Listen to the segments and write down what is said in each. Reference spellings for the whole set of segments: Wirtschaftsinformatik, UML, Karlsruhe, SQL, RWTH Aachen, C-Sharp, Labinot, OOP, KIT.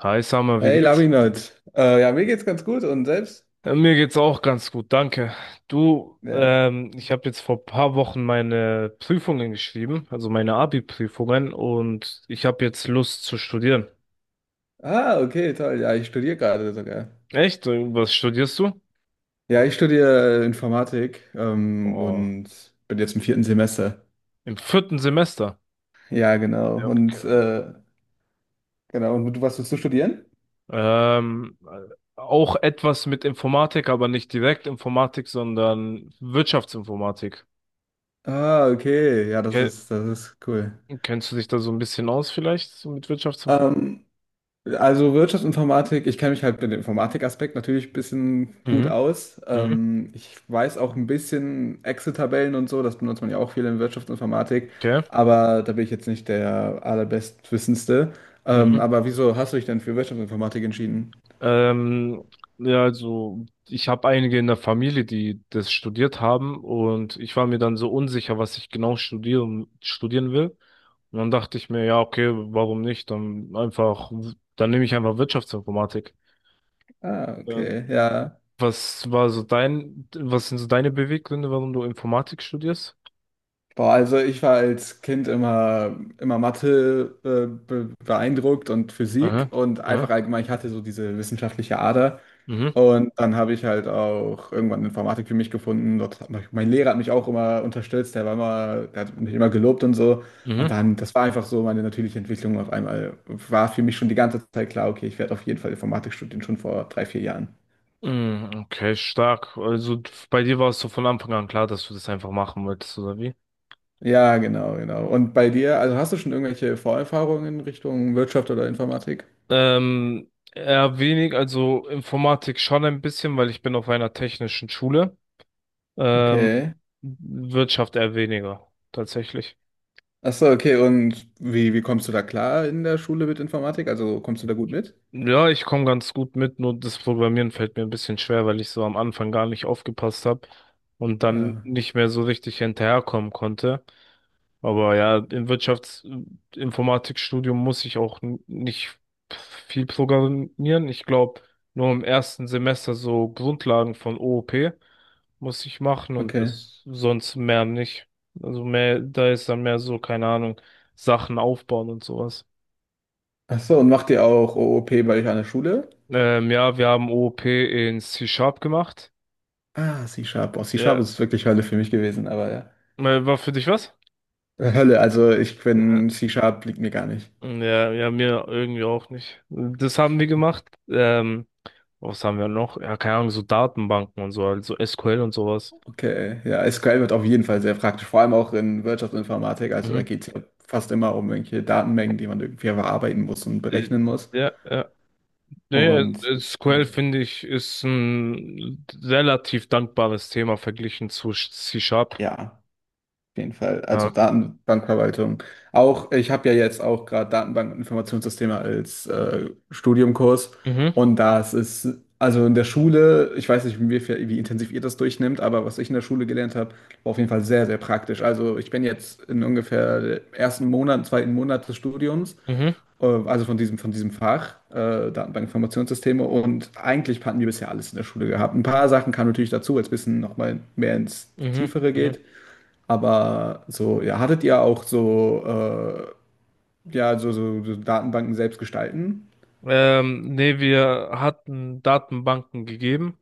Hi Summer, wie Hey, geht's? Labinot. Ja, mir geht's ganz gut und selbst? Mir geht's auch ganz gut, danke. Du, Ja. Ich habe jetzt vor paar Wochen meine Prüfungen geschrieben, also meine Abi-Prüfungen, und ich habe jetzt Lust zu studieren. Ah, okay, toll. Ja, ich studiere gerade sogar. Echt? Was studierst du? Ja, ich studiere Informatik Oh, und bin jetzt im vierten Semester. im vierten Semester. Ja, genau. Ja, Und okay. äh, genau. Und du, was willst du studieren? Ähm, äh, auch etwas mit Informatik, aber nicht direkt Informatik, sondern Wirtschaftsinformatik. Ah, okay. Ja, das Ke- ist, das ist cool. Kennst du dich da so ein bisschen aus vielleicht, so mit Wirtschaftsinformatik? Ähm, Also Wirtschaftsinformatik, ich kenne mich halt mit dem Informatikaspekt natürlich ein bisschen gut Mhm. aus. Mhm. Ich weiß auch ein bisschen Excel-Tabellen und so, das benutzt man ja auch viel in Wirtschaftsinformatik, Okay. aber da bin ich jetzt nicht der allerbestwissendste. Mhm. Aber wieso hast du dich denn für Wirtschaftsinformatik entschieden? Ähm, ja, also ich habe einige in der Familie, die das studiert haben und ich war mir dann so unsicher, was ich genau studieren will. Und dann dachte ich mir, ja, okay, warum nicht? Dann einfach, dann nehme ich einfach Wirtschaftsinformatik. Ah, okay, Ähm, ja. was war so was sind so deine Beweggründe, warum du Informatik studierst? Boah, also ich war als Kind immer, immer Mathe be beeindruckt und Physik Aha, und einfach aha, allgemein, ich hatte so diese wissenschaftliche Ader. mhm, Und dann habe ich halt auch irgendwann Informatik für mich gefunden. Dort hat mich, mein Lehrer hat mich auch immer unterstützt, der war immer, der hat mich immer gelobt und so. Und mhm. dann, das war einfach so meine natürliche Entwicklung auf einmal. War für mich schon die ganze Zeit klar, okay, ich werde auf jeden Fall Informatik studieren, schon vor drei, vier Jahren. Mm, okay, stark. Also bei dir war es so von Anfang an klar, dass du das einfach machen wolltest, oder wie? Ja, genau, genau. Und bei dir, also hast du schon irgendwelche Vorerfahrungen in Richtung Wirtschaft oder Informatik? Eher wenig, also Informatik schon ein bisschen, weil ich bin auf einer technischen Schule. Ähm, Okay. Wirtschaft eher weniger, tatsächlich. Ach so, okay. Und wie, wie kommst du da klar in der Schule mit Informatik? Also kommst du da gut mit? Ja, ich komme ganz gut mit, nur das Programmieren fällt mir ein bisschen schwer, weil ich so am Anfang gar nicht aufgepasst habe und dann Ja. nicht mehr so richtig hinterherkommen konnte. Aber ja, im Wirtschaftsinformatikstudium muss ich auch nicht viel programmieren. Ich glaube, nur im ersten Semester so Grundlagen von OOP muss ich machen und Okay. das sonst mehr nicht. Also mehr, da ist dann mehr so, keine Ahnung, Sachen aufbauen und sowas. Ach so, und macht ihr auch OOP bei euch an der Schule? Ja, wir haben OOP in C-Sharp gemacht. Ah, C-Sharp. Oh, C-Sharp Ja, ist wirklich Hölle für mich gewesen, aber ja. War für dich was? Hölle, also ich Ja. bin, C-Sharp liegt mir gar nicht. Ja, ja, mir irgendwie auch nicht. Das haben wir gemacht. Was haben wir noch? Ja, keine Ahnung, so Datenbanken und so, also SQL und sowas. Okay, ja, SQL wird auf jeden Fall sehr praktisch, vor allem auch in Wirtschaftsinformatik. Also da Mhm. geht es ja fast immer um irgendwelche Datenmengen, die man irgendwie verarbeiten muss und Äh, berechnen muss. ja, ja, ja, ja, Und SQL ja. finde ich ist ein relativ dankbares Thema verglichen zu C Sharp. Ja. Auf jeden Fall. Also Ja. Datenbankverwaltung. Auch, ich habe ja jetzt auch gerade Datenbank- und Informationssysteme als Studiumkurs. Mhm, Und das ist, also in der Schule, ich weiß nicht, wie, wie intensiv ihr das durchnimmt, aber was ich in der Schule gelernt habe, war auf jeden Fall sehr, sehr praktisch. Also ich bin jetzt in ungefähr dem ersten Monat, zweiten Monat des Studiums, mhm, also von diesem Fach, Datenbank- Informationssysteme. Und eigentlich hatten wir bisher alles in der Schule gehabt. Ein paar Sachen kamen natürlich dazu, als es ein bisschen nochmal mehr ins mhm, Tiefere mhm. geht. Aber so, ja, hattet ihr auch so, ja, so, so, so Datenbanken selbst gestalten? Nee, wir hatten Datenbanken gegeben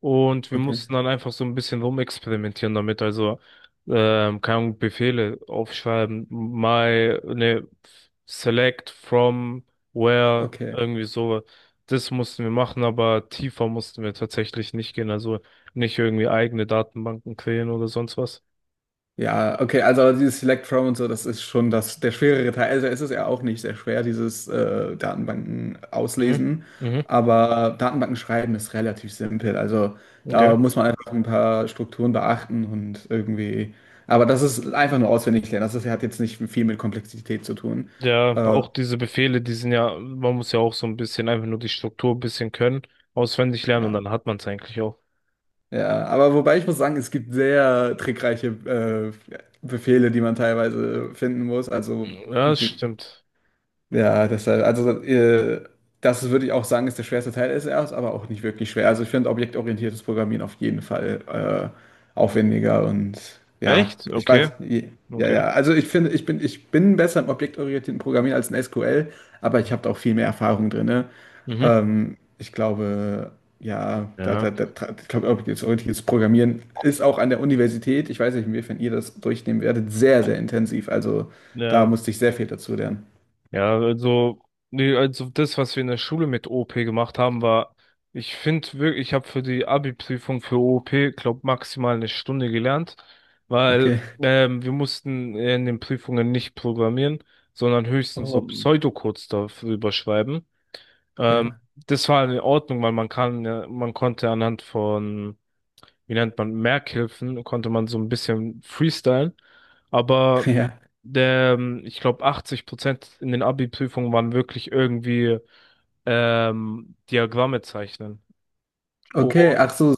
und wir Okay, mussten dann einfach so ein bisschen rumexperimentieren damit. Also, keine Ahnung, Befehle aufschreiben, my, ne, select from where, okay. irgendwie so. Das mussten wir machen, aber tiefer mussten wir tatsächlich nicht gehen. Also nicht irgendwie eigene Datenbanken kreieren oder sonst was. Ja, okay, also dieses Select From und so, das ist schon das, der schwerere Teil. Also es ist ja auch nicht sehr schwer, dieses Datenbanken Mhm. auslesen. Mhm. Aber Datenbanken schreiben ist relativ simpel. Also da Okay. muss man einfach ein paar Strukturen beachten und irgendwie. Aber das ist einfach nur auswendig lernen. Das ist, hat jetzt nicht viel mit Komplexität zu tun. Ja, Äh, auch diese Befehle, die sind ja, man muss ja auch so ein bisschen einfach nur die Struktur ein bisschen können, auswendig lernen und ja. dann hat man es eigentlich auch. Ja, aber wobei ich muss sagen, es gibt sehr trickreiche Befehle, die man teilweise finden muss. Also Ja, das wie- stimmt. ja, deshalb, also das würde ich auch sagen, ist der schwerste Teil ist erst, aber auch nicht wirklich schwer. Also ich finde objektorientiertes Programmieren auf jeden Fall aufwendiger und ja, Echt? ich Okay, weiß, ja, okay. ja. Also ich finde, ich bin besser im objektorientierten Programmieren als in SQL, aber ich habe da auch viel mehr Erfahrung drin. Ne? Mhm. Ich glaube, ja, Ja, ich glaube, objektorientiertes Programmieren ist auch an der Universität, ich weiß nicht, inwiefern ihr das durchnehmen werdet, sehr, sehr intensiv. Also da, ja, musste ich sehr viel dazu lernen. ja, also, nee, also das, was wir in der Schule mit OP gemacht haben, war, ich finde wirklich, ich habe für die Abi-Prüfung für OP, glaube maximal eine Stunde gelernt, weil Okay. Wir mussten in den Prüfungen nicht programmieren, sondern höchstens so Oh, Pseudocodes darüber schreiben. Ähm, ja, das war in Ordnung, weil man kann, ja- man konnte anhand von, wie nennt man, Merkhilfen, konnte man so ein bisschen freestylen. Aber ja. Ich glaube, 80 Prozent in den Abi-Prüfungen waren wirklich irgendwie Diagramme zeichnen. Oh, Okay, ach so,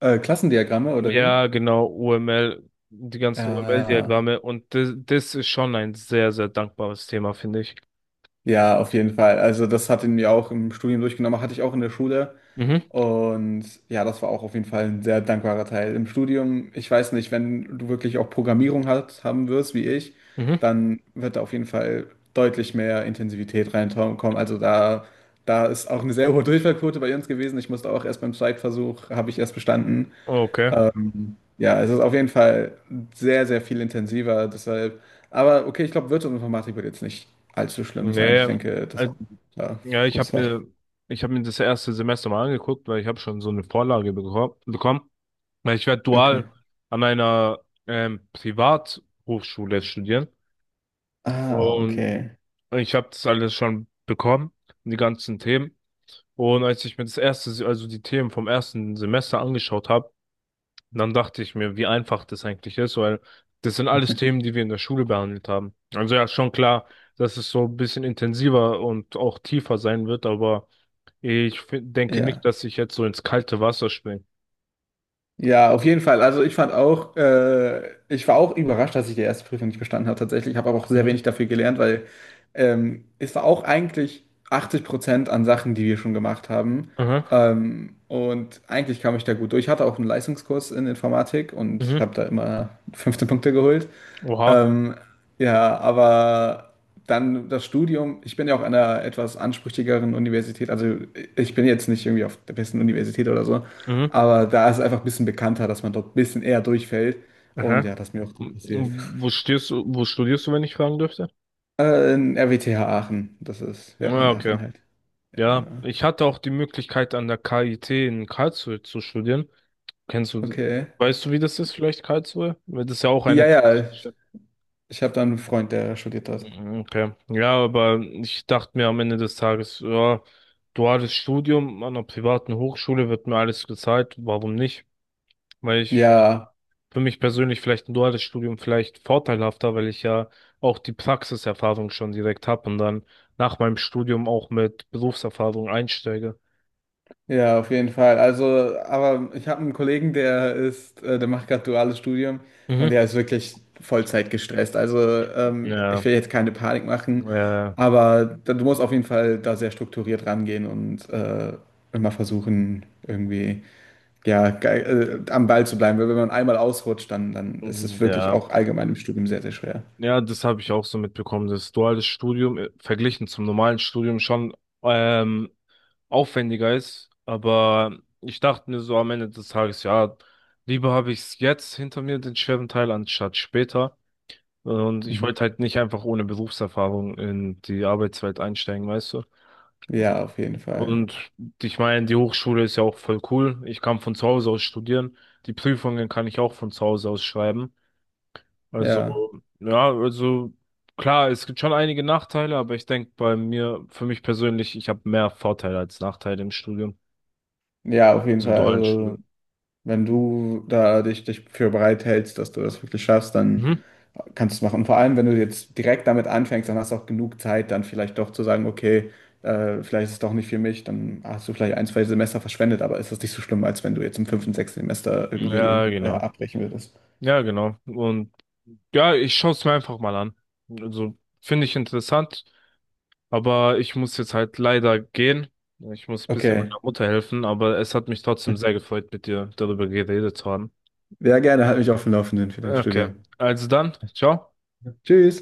Klassendiagramme oder wie? ja, genau, UML, die ganzen Ja, UML-Diagramme. Und das, das ist schon ein sehr, sehr dankbares Thema, finde ich. ja, auf jeden Fall. Also das hat ihn mir auch im Studium durchgenommen, hatte ich auch in der Schule. Mhm, Und ja, das war auch auf jeden Fall ein sehr dankbarer Teil. Im Studium, ich weiß nicht, wenn du wirklich auch Programmierung hat, haben wirst, wie ich, mhm. dann wird da auf jeden Fall deutlich mehr Intensivität reinkommen. Also da, da ist auch eine sehr hohe Durchfallquote bei uns gewesen. Ich musste auch erst beim Zweitversuch, habe ich erst bestanden. Okay. Ja, es ist auf jeden Fall sehr, sehr viel intensiver, deshalb. Aber okay, ich glaube, Wirtschaftsinformatik wird jetzt nicht allzu schlimm sein. Ich Nee, denke, das ist äh, ja, ja, gutes Fach. Ich habe mir das erste Semester mal angeguckt, weil ich habe schon so eine Vorlage bekommen. Weil ich werde Okay. dual an einer Privathochschule studieren. Ah, Und okay. ich habe das alles schon bekommen, die ganzen Themen. Und als ich mir das erste, also die Themen vom ersten Semester angeschaut habe, dann dachte ich mir, wie einfach das eigentlich ist, weil das sind alles Themen, die wir in der Schule behandelt haben. Also ja, schon klar, dass es so ein bisschen intensiver und auch tiefer sein wird, aber ich denke nicht, Ja. dass ich jetzt so ins kalte Wasser springe. Ja, auf jeden Fall. Also ich fand auch, ich war auch überrascht, dass ich die erste Prüfung nicht bestanden habe tatsächlich. Ich habe aber auch sehr wenig Mhm. dafür gelernt, weil es war auch eigentlich 80% an Sachen, die wir schon gemacht haben. Aha. Und eigentlich kam ich da gut durch. Ich hatte auch einen Leistungskurs in Informatik und Mhm. habe da immer 15 Punkte geholt. Oha. Ähm, ja, aber dann das Studium. Ich bin ja auch an einer etwas ansprüchigeren Universität. Also ich bin jetzt nicht irgendwie auf der besten Universität oder so, Mhm. aber da ist es einfach ein bisschen bekannter, dass man dort ein bisschen eher durchfällt. Und Aha. ja, das ist mir auch gut passiert. M- Wo studierst du, wenn ich fragen dürfte? In RWTH Aachen. Das ist, ja, Ah, in okay. Aachen halt. Ja, Ja, genau. ich hatte auch die Möglichkeit, an der KIT in Karlsruhe zu studieren. Kennst du, Okay. weißt du, wie das ist, vielleicht Karlsruhe? Weil das ist ja auch Ja, eine ja, technische. ich habe da einen Freund, der studiert dort. Mhm, okay. Ja, aber ich dachte mir am Ende des Tages, ja, duales Studium an einer privaten Hochschule wird mir alles gezahlt. Warum nicht? Weil ich Ja. für mich persönlich vielleicht ein duales Studium vielleicht vorteilhafter, weil ich ja auch die Praxiserfahrung schon direkt habe und dann nach meinem Studium auch mit Berufserfahrung einsteige. Ja, auf jeden Fall. Also, aber ich habe einen Kollegen, der macht gerade duales Studium und Mhm. der ist wirklich Vollzeit gestresst. Also, ich Ja, will jetzt keine Panik machen, äh, aber du musst auf jeden Fall da sehr strukturiert rangehen und immer versuchen, irgendwie ja, am Ball zu bleiben. Weil wenn man einmal ausrutscht, dann, dann ist es wirklich ja, auch allgemein im Studium sehr, sehr schwer. ja, das habe ich auch so mitbekommen, dass duales Studium verglichen zum normalen Studium schon ähm, aufwendiger ist. Aber ich dachte mir so am Ende des Tages, ja, lieber habe ich es jetzt hinter mir, den schweren Teil, anstatt später. Und ich wollte Mhm. halt nicht einfach ohne Berufserfahrung in die Arbeitswelt einsteigen, weißt du? Ja, auf jeden Fall. Und ich meine, die Hochschule ist ja auch voll cool. Ich kann von zu Hause aus studieren. Die Prüfungen kann ich auch von zu Hause aus schreiben. Also, Ja, ja, also klar, es gibt schon einige Nachteile, aber ich denke bei mir, für mich persönlich, ich habe mehr Vorteile als Nachteile im Studium, ja, auf jeden also im Fall. dualen Also. Studium. Wenn du da dich für bereit hältst, dass du das wirklich schaffst, dann Mhm. kannst du es machen. Und vor allem, wenn du jetzt direkt damit anfängst, dann hast du auch genug Zeit, dann vielleicht doch zu sagen, okay, vielleicht ist es doch nicht für mich, dann hast du vielleicht ein, zwei Semester verschwendet, aber ist das nicht so schlimm, als wenn du jetzt im fünften, sechsten Semester irgendwie Ja, äh, genau. abbrechen würdest. Ja, genau. Und ja, ich schaue es mir einfach mal an. Also, finde ich interessant. Aber ich muss jetzt halt leider gehen. Ich muss ein bisschen Okay, meiner Mutter helfen, aber es hat mich trotzdem sehr gefreut, mit dir darüber geredet zu haben. sehr gerne, halt mich auf dem Laufenden für dein Okay, Studium. also dann, ciao. Tschüss!